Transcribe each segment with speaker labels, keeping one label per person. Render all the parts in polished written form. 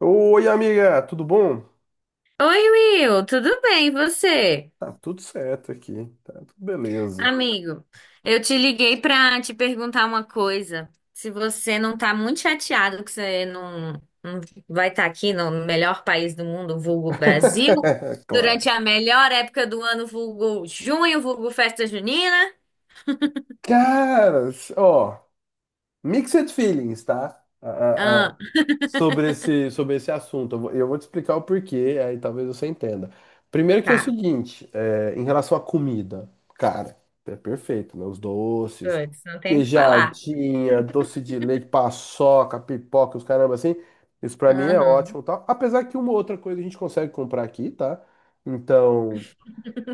Speaker 1: Oi, amiga, tudo bom?
Speaker 2: Oi, Will, tudo bem, e você?
Speaker 1: Tá tudo certo aqui, tá tudo beleza.
Speaker 2: Amigo, eu te liguei pra te perguntar uma coisa. Se você não tá muito chateado que você não vai estar aqui no melhor país do mundo, vulgo Brasil,
Speaker 1: Claro.
Speaker 2: durante a melhor época do ano, vulgo junho, vulgo festa junina.
Speaker 1: Caras, ó, mixed feelings, tá?
Speaker 2: Ah,
Speaker 1: Sobre esse assunto. Eu vou te explicar o porquê, aí talvez você entenda. Primeiro que é o
Speaker 2: tá.
Speaker 1: seguinte, em relação à comida, cara, é perfeito, né? Os doces,
Speaker 2: Putz, não tenho o que falar.
Speaker 1: queijadinha, doce de leite, paçoca, pipoca, os caramba assim. Isso pra mim é
Speaker 2: Aham.
Speaker 1: ótimo, e tal. Apesar que uma outra coisa a gente consegue comprar aqui, tá? Então,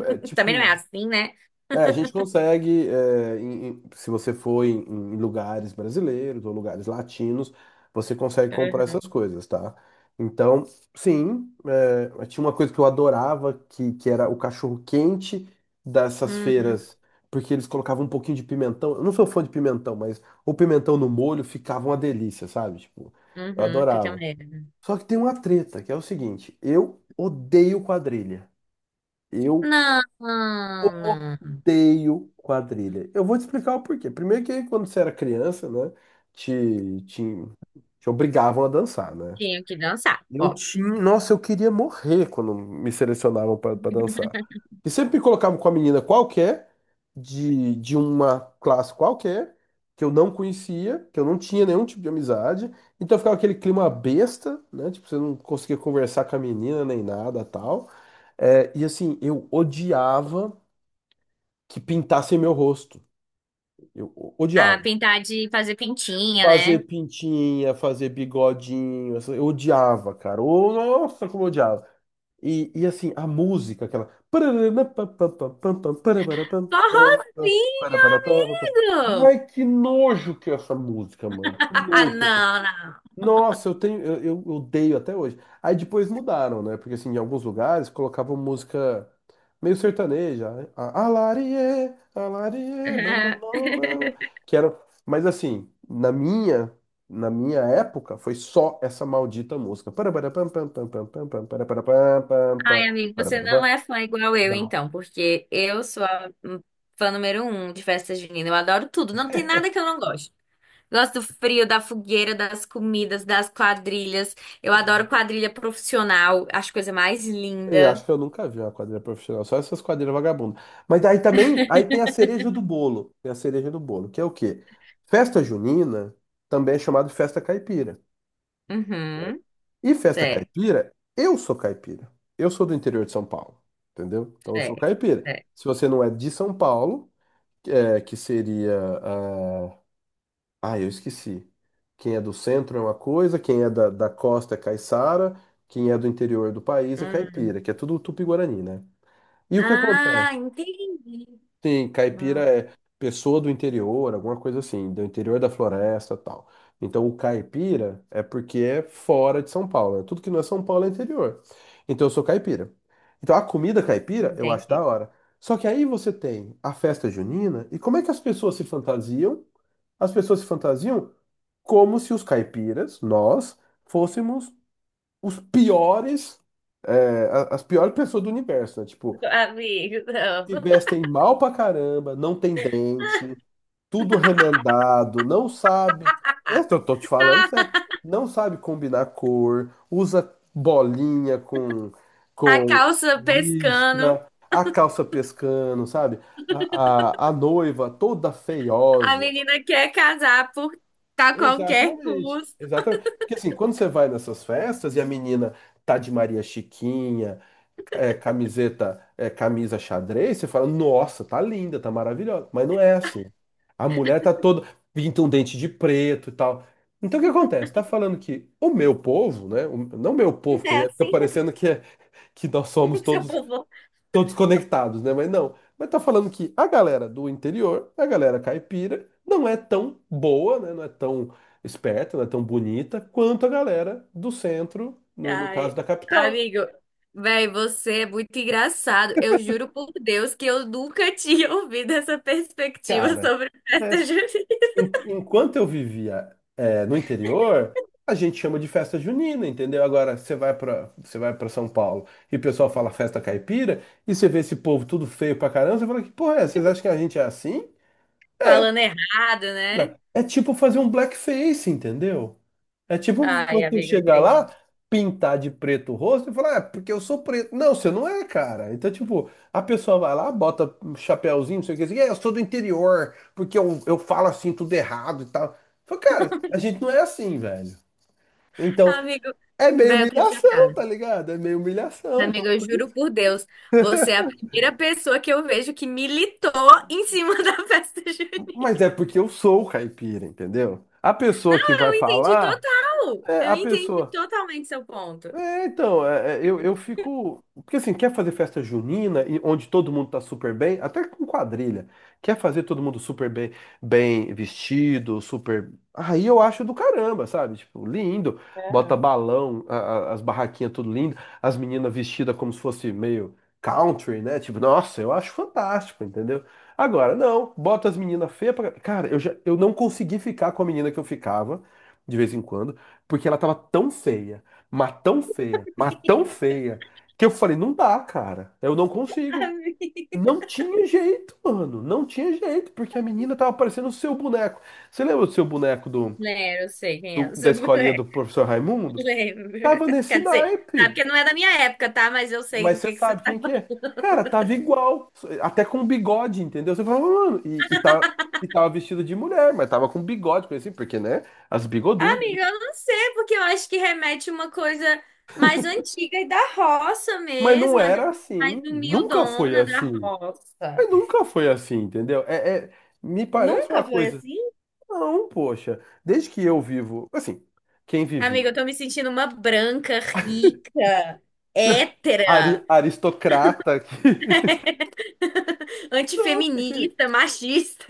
Speaker 1: é
Speaker 2: Também não
Speaker 1: tipo
Speaker 2: é assim, né?
Speaker 1: é, a gente consegue, se você for em lugares brasileiros ou lugares latinos, você consegue comprar essas
Speaker 2: Uhum,
Speaker 1: coisas, tá? Então, sim, tinha uma coisa que eu adorava, que era o cachorro quente dessas
Speaker 2: uhum,
Speaker 1: feiras, porque eles colocavam um pouquinho de pimentão. Eu não sou fã de pimentão, mas o pimentão no molho ficava uma delícia, sabe? Tipo, eu
Speaker 2: uhum, fica
Speaker 1: adorava.
Speaker 2: mesmo.
Speaker 1: Só que tem uma treta, que é o seguinte, eu odeio quadrilha. Eu
Speaker 2: Não, não.
Speaker 1: odeio quadrilha. Eu vou te explicar o porquê. Primeiro que quando você era criança, né, te, te, te obrigavam a dançar, né?
Speaker 2: Tinha que dançar,
Speaker 1: Eu
Speaker 2: óbvio.
Speaker 1: tinha, nossa, eu queria morrer quando me selecionavam para dançar. E sempre me colocavam com a menina qualquer, de uma classe qualquer, que eu não conhecia, que eu não tinha nenhum tipo de amizade. Então ficava aquele clima besta, né? Tipo, você não conseguia conversar com a menina nem nada, tal. E assim, eu odiava que pintassem meu rosto. Eu
Speaker 2: Ah,
Speaker 1: odiava.
Speaker 2: pintar de fazer pintinha,
Speaker 1: Fazer
Speaker 2: né?
Speaker 1: pintinha, fazer bigodinho, eu odiava, cara. Ô, nossa, como eu odiava. E assim, a música, aquela.
Speaker 2: Forrozinho, amigo!
Speaker 1: Ai, que nojo que é essa música, mano. Que nojo que é essa
Speaker 2: Não, não.
Speaker 1: nossa, eu odeio até hoje. Aí depois mudaram, né? Porque assim, em alguns lugares colocavam música meio sertaneja, né? Alarie, alarie, bam, bam, bam, bam, bam. Que era, mas assim, na minha, época foi só essa maldita música. Para para pam pam pam pam pam pam para para pam pam pam
Speaker 2: Ai, amigo,
Speaker 1: para
Speaker 2: você
Speaker 1: para
Speaker 2: não
Speaker 1: pam.
Speaker 2: é fã igual eu, então, porque eu sou a fã número um de festa junina. Eu adoro tudo, não tem nada que eu não gosto. Gosto do frio, da fogueira, das comidas, das quadrilhas. Eu adoro quadrilha profissional, acho coisa mais
Speaker 1: Eu acho
Speaker 2: linda.
Speaker 1: que eu nunca vi uma quadrilha profissional, só essas quadrilhas vagabundas. Mas aí também, aí tem a cereja do bolo, tem a cereja do bolo, que é o quê? Festa junina também é chamada de festa caipira.
Speaker 2: Uhum,
Speaker 1: E festa
Speaker 2: certo,
Speaker 1: caipira. Eu sou do interior de São Paulo, entendeu? Então eu sou
Speaker 2: certo,
Speaker 1: caipira.
Speaker 2: certo.
Speaker 1: Se você não é de São Paulo, que seria, ah, eu esqueci. Quem é do centro é uma coisa, quem é da costa é caiçara, quem é do interior do país é
Speaker 2: Hum.
Speaker 1: caipira, que é tudo tupi-guarani, né? E o que
Speaker 2: Ah,
Speaker 1: acontece?
Speaker 2: entendi.
Speaker 1: Sim, caipira
Speaker 2: Hum,
Speaker 1: é pessoa do interior, alguma coisa assim, do interior da floresta, tal. Então o caipira é porque é fora de São Paulo, né? Tudo que não é São Paulo é interior. Então eu sou caipira. Então a comida caipira eu acho da
Speaker 2: entendi.
Speaker 1: hora. Só que aí você tem a festa junina, e como é que as pessoas se fantasiam? As pessoas se fantasiam como se os caipiras, nós, fôssemos os piores, as piores pessoas do universo, né? Tipo,
Speaker 2: Amigo, não.
Speaker 1: se vestem mal pra caramba, não tem dente, tudo remendado, não sabe. Eu tô, tô te falando sério. Não sabe combinar cor, usa bolinha com,
Speaker 2: A
Speaker 1: com
Speaker 2: calça pescando,
Speaker 1: listra, a calça pescando, sabe? A noiva toda
Speaker 2: a
Speaker 1: feiosa.
Speaker 2: menina quer casar por a qualquer
Speaker 1: Exatamente,
Speaker 2: custo.
Speaker 1: exatamente. Porque assim, quando você vai nessas festas e a menina tá de Maria Chiquinha, camiseta, camisa xadrez, você fala, nossa, tá linda, tá maravilhosa. Mas não é assim. A mulher tá toda, pinta um dente de preto e tal. Então o que acontece? Tá falando que o meu povo, né? Não meu
Speaker 2: Não
Speaker 1: povo, que
Speaker 2: é
Speaker 1: fica
Speaker 2: assim.
Speaker 1: parecendo que, que nós somos
Speaker 2: Seu
Speaker 1: todos,
Speaker 2: povo.
Speaker 1: todos conectados, né? Mas não. Mas tá falando que a galera do interior, a galera caipira, não é tão boa, né? Não é tão esperta, não é tão bonita quanto a galera do centro, no caso
Speaker 2: Ai,
Speaker 1: da capital.
Speaker 2: amigo, velho, você é muito engraçado. Eu juro por Deus que eu nunca tinha ouvido essa perspectiva
Speaker 1: Cara.
Speaker 2: sobre
Speaker 1: É,
Speaker 2: festa junina.
Speaker 1: Enquanto eu vivia, no interior, a gente chama de festa junina, entendeu? Agora você vai para São Paulo e o pessoal fala festa caipira e você vê esse povo tudo feio pra caramba, você fala que porra é? Vocês acham que a gente é assim?
Speaker 2: Falando errado, né?
Speaker 1: Cara, é tipo fazer um blackface, entendeu? É tipo
Speaker 2: Ai,
Speaker 1: você
Speaker 2: amigo,
Speaker 1: chegar lá,
Speaker 2: entendi.
Speaker 1: pintar de preto o rosto e falar, ah, porque eu sou preto. Não, você não é, cara. Então, tipo, a pessoa vai lá, bota um chapéuzinho, não sei o que, assim, eu sou do interior, porque eu falo assim tudo errado e tal. Fala, cara, a gente não é assim, velho. Então,
Speaker 2: Amigo,
Speaker 1: é meio
Speaker 2: velho, eu tô
Speaker 1: humilhação,
Speaker 2: chocada.
Speaker 1: tá ligado? É meio humilhação. Então,
Speaker 2: Amiga, eu juro por Deus, você é a primeira pessoa que eu vejo que militou em cima da festa
Speaker 1: mas
Speaker 2: junina.
Speaker 1: é porque eu sou o caipira, entendeu? A
Speaker 2: Não,
Speaker 1: pessoa que vai
Speaker 2: eu entendi
Speaker 1: falar,
Speaker 2: total.
Speaker 1: é
Speaker 2: Eu
Speaker 1: a
Speaker 2: entendi
Speaker 1: pessoa.
Speaker 2: totalmente seu ponto.
Speaker 1: Então, eu fico. Porque assim, quer fazer festa junina, e onde todo mundo tá super bem, até com quadrilha. Quer fazer todo mundo super bem, bem vestido, super. Aí eu acho do caramba, sabe? Tipo, lindo. Bota balão, as barraquinhas tudo lindo, as meninas vestidas como se fosse meio country, né? Tipo, nossa, eu acho fantástico, entendeu? Agora, não, bota as meninas feias pra. Cara, já, eu não consegui ficar com a menina que eu ficava de vez em quando, porque ela tava tão feia. Mas tão feia, mas tão feia, que eu falei, não dá, cara. Eu não consigo.
Speaker 2: Amiga.
Speaker 1: Não tinha jeito, mano. Não tinha jeito, porque a menina tava parecendo o seu boneco. Você lembra do seu boneco do,
Speaker 2: Lembro, eu sei quem é o
Speaker 1: da
Speaker 2: seu
Speaker 1: escolinha do
Speaker 2: boneco.
Speaker 1: professor Raimundo?
Speaker 2: Lembro.
Speaker 1: Tava nesse
Speaker 2: Quer dizer, sabe
Speaker 1: naipe.
Speaker 2: que não é da minha época, tá? Mas eu sei
Speaker 1: Mas
Speaker 2: do
Speaker 1: você
Speaker 2: que você
Speaker 1: sabe
Speaker 2: tá.
Speaker 1: quem que é? Cara, tava igual. Até com bigode, entendeu? Você falava, mano, e tava vestido de mulher, mas tava com bigode, coisa assim, porque, né? As bigodudas.
Speaker 2: Amiga, eu não sei, porque eu acho que remete uma coisa mais antiga e da roça
Speaker 1: Mas não
Speaker 2: mesmo, a galera
Speaker 1: era
Speaker 2: mais
Speaker 1: assim. Nunca foi
Speaker 2: humildona da
Speaker 1: assim.
Speaker 2: roça.
Speaker 1: Mas nunca foi assim, entendeu? Me parece
Speaker 2: Nunca
Speaker 1: uma
Speaker 2: foi
Speaker 1: coisa.
Speaker 2: assim?
Speaker 1: Não, poxa. Desde que eu vivo, assim, quem vivia?
Speaker 2: Amiga, eu tô me sentindo uma branca, rica,
Speaker 1: Ari-
Speaker 2: hétera,
Speaker 1: aristocrata que. Não, porque
Speaker 2: antifeminista, machista.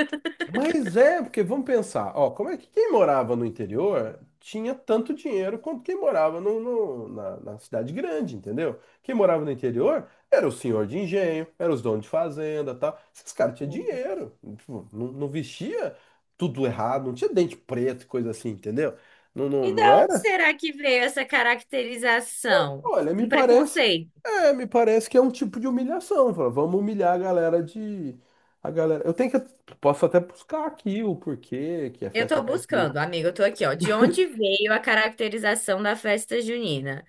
Speaker 1: Mas é, porque vamos pensar, ó, como é que quem morava no interior tinha tanto dinheiro quanto quem morava na cidade grande, entendeu? Quem morava no interior era o senhor de engenho, era os donos de fazenda, tal. Esses caras tinham dinheiro, tipo, não, não vestia tudo errado, não tinha dente preto, e coisa assim, entendeu? Não, não,
Speaker 2: E
Speaker 1: não
Speaker 2: da onde
Speaker 1: era.
Speaker 2: será que veio essa caracterização?
Speaker 1: Olha, me
Speaker 2: Um
Speaker 1: parece,
Speaker 2: preconceito.
Speaker 1: é, me parece que é um tipo de humilhação. Fala, vamos humilhar a galera. Posso até buscar aqui o porquê que é
Speaker 2: Eu
Speaker 1: festa
Speaker 2: tô
Speaker 1: caipira.
Speaker 2: buscando, amiga, eu tô aqui, ó. De onde veio a caracterização da festa junina?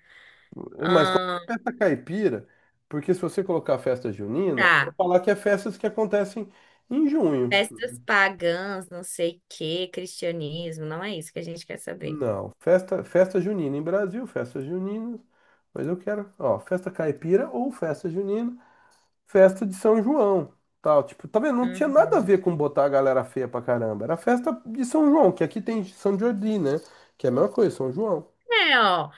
Speaker 1: Mas qual
Speaker 2: Ah,
Speaker 1: é a festa caipira? Porque se você colocar festa junina, vou
Speaker 2: tá.
Speaker 1: falar que é festas que acontecem em junho.
Speaker 2: Festas pagãs, não sei o quê, cristianismo, não é isso que a gente quer saber.
Speaker 1: Não, festa junina em Brasil, festa junina. Mas eu quero, ó, festa caipira ou festa junina. Festa de São João, tal, tipo, tá vendo? Não tinha nada a
Speaker 2: Uhum.
Speaker 1: ver com botar a galera feia pra caramba. Era festa de São João, que aqui tem São Jordi, né? Que é a mesma coisa, São João.
Speaker 2: É, ó.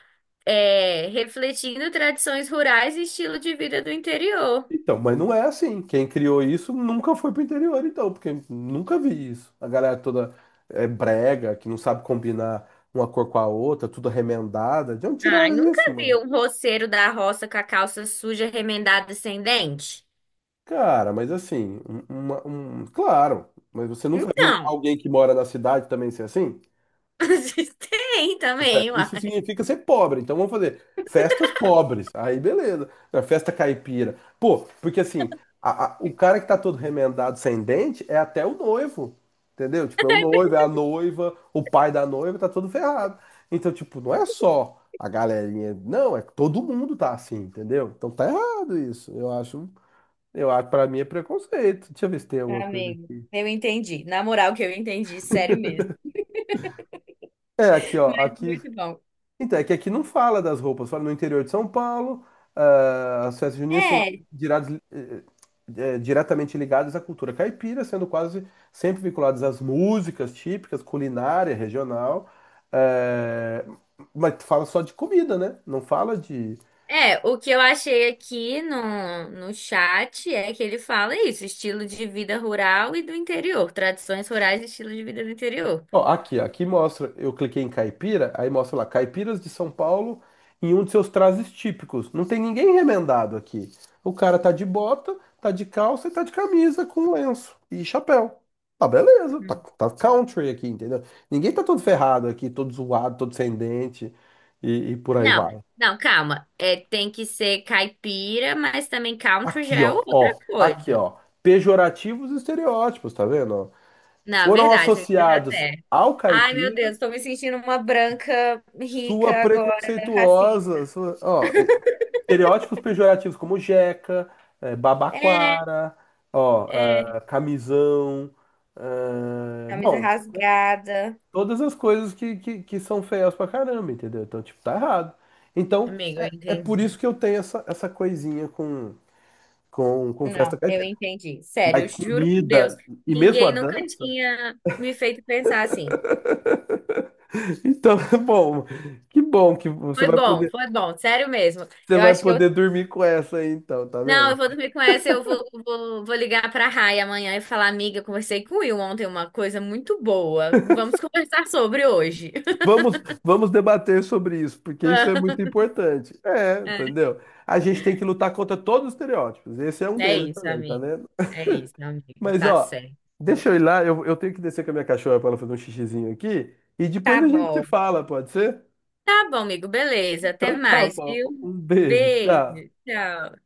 Speaker 2: É, refletindo tradições rurais e estilo de vida do interior.
Speaker 1: Então, mas não é assim. Quem criou isso nunca foi pro interior, então, porque nunca vi isso. A galera toda é brega, que não sabe combinar uma cor com a outra, tudo remendada. De onde
Speaker 2: Ai,
Speaker 1: tiraram
Speaker 2: nunca
Speaker 1: isso,
Speaker 2: vi
Speaker 1: mano?
Speaker 2: um roceiro da roça com a calça suja, remendada e sem dente?
Speaker 1: Cara, mas assim, claro, mas você nunca viu
Speaker 2: Então,
Speaker 1: alguém que mora na cidade também ser assim?
Speaker 2: tem também,
Speaker 1: Isso
Speaker 2: uai.
Speaker 1: significa ser pobre. Então vamos fazer festas pobres. Aí beleza. Festa caipira. Pô, porque assim, o cara que tá todo remendado sem dente é até o noivo. Entendeu? Tipo, é o noivo, é a noiva, o pai da noiva tá todo ferrado. Então, tipo, não é só a galerinha. Não, é que todo mundo tá assim, entendeu? Então tá errado isso. Eu acho, pra mim é preconceito. Deixa eu ver se tem alguma coisa
Speaker 2: Amigo,
Speaker 1: aqui.
Speaker 2: eu entendi. Na moral que eu entendi, sério mesmo.
Speaker 1: É, aqui, ó. Aqui.
Speaker 2: Muito bom.
Speaker 1: Então, é que aqui não fala das roupas, fala no interior de São Paulo, ah, as festas juninas são
Speaker 2: É,
Speaker 1: dirados- eh, diretamente ligadas à cultura caipira, sendo quase sempre vinculadas às músicas típicas, culinária regional, eh, mas fala só de comida, né? Não fala de.
Speaker 2: é, o que eu achei aqui no chat é que ele fala isso, estilo de vida rural e do interior, tradições rurais e estilo de vida do interior.
Speaker 1: Ó, aqui mostra, eu cliquei em caipira, aí mostra lá, caipiras de São Paulo em um de seus trajes típicos. Não tem ninguém remendado aqui. O cara tá de bota, tá de calça e tá de camisa com lenço e chapéu. Tá beleza, tá country aqui, entendeu? Ninguém tá todo ferrado aqui, todo zoado, todo sem dente e por aí
Speaker 2: Não,
Speaker 1: vai.
Speaker 2: não, calma. É, tem que ser caipira, mas também country já
Speaker 1: Aqui,
Speaker 2: é
Speaker 1: ó,
Speaker 2: outra
Speaker 1: ó, aqui,
Speaker 2: coisa.
Speaker 1: ó, pejorativos e estereótipos, tá vendo? Ó?
Speaker 2: Na
Speaker 1: Foram
Speaker 2: verdade, me fez
Speaker 1: associados
Speaker 2: até.
Speaker 1: ao
Speaker 2: Ai, meu
Speaker 1: caipira.
Speaker 2: Deus, tô me sentindo uma branca
Speaker 1: Sua
Speaker 2: rica agora, racista.
Speaker 1: preconceituosa. Sua, ó, estereótipos pejorativos como jeca,
Speaker 2: É,
Speaker 1: babaquara, ó,
Speaker 2: é,
Speaker 1: ah, camisão. Ah,
Speaker 2: camisa
Speaker 1: bom,
Speaker 2: rasgada.
Speaker 1: todas as coisas que são feias pra caramba, entendeu? Então, tipo, tá errado. Então,
Speaker 2: Amigo, eu
Speaker 1: é por isso
Speaker 2: entendi.
Speaker 1: que eu tenho essa, coisinha com festa
Speaker 2: Não, eu
Speaker 1: caipira.
Speaker 2: entendi. Sério, eu
Speaker 1: Mas
Speaker 2: juro por Deus,
Speaker 1: comida e mesmo a
Speaker 2: ninguém nunca
Speaker 1: dança.
Speaker 2: tinha me feito pensar assim.
Speaker 1: Então, bom, bom que você vai poder,
Speaker 2: Foi bom, sério mesmo.
Speaker 1: você
Speaker 2: Eu
Speaker 1: vai
Speaker 2: acho que eu.
Speaker 1: poder dormir com essa aí, então, tá
Speaker 2: Não, eu
Speaker 1: vendo?
Speaker 2: vou dormir com essa, eu vou, vou ligar pra Rai amanhã e falar, amiga, conversei com o Will ontem uma coisa muito boa. Vamos conversar sobre hoje.
Speaker 1: Vamos debater sobre isso, porque isso é muito importante. É, entendeu? A gente tem que lutar contra todos os estereótipos. Esse é um
Speaker 2: É
Speaker 1: deles
Speaker 2: isso,
Speaker 1: também, tá
Speaker 2: amigo.
Speaker 1: vendo?
Speaker 2: É isso, amigo.
Speaker 1: Mas,
Speaker 2: Tá
Speaker 1: ó,
Speaker 2: certo.
Speaker 1: deixa eu ir lá, eu tenho que descer com a minha cachorra para ela fazer um xixizinho aqui, e depois
Speaker 2: Tá
Speaker 1: a gente se
Speaker 2: bom.
Speaker 1: fala, pode ser?
Speaker 2: Tá bom, amigo. Beleza. Até
Speaker 1: Então tá
Speaker 2: mais,
Speaker 1: bom.
Speaker 2: viu?
Speaker 1: Um beijo,
Speaker 2: Beijo.
Speaker 1: tchau.
Speaker 2: Tchau.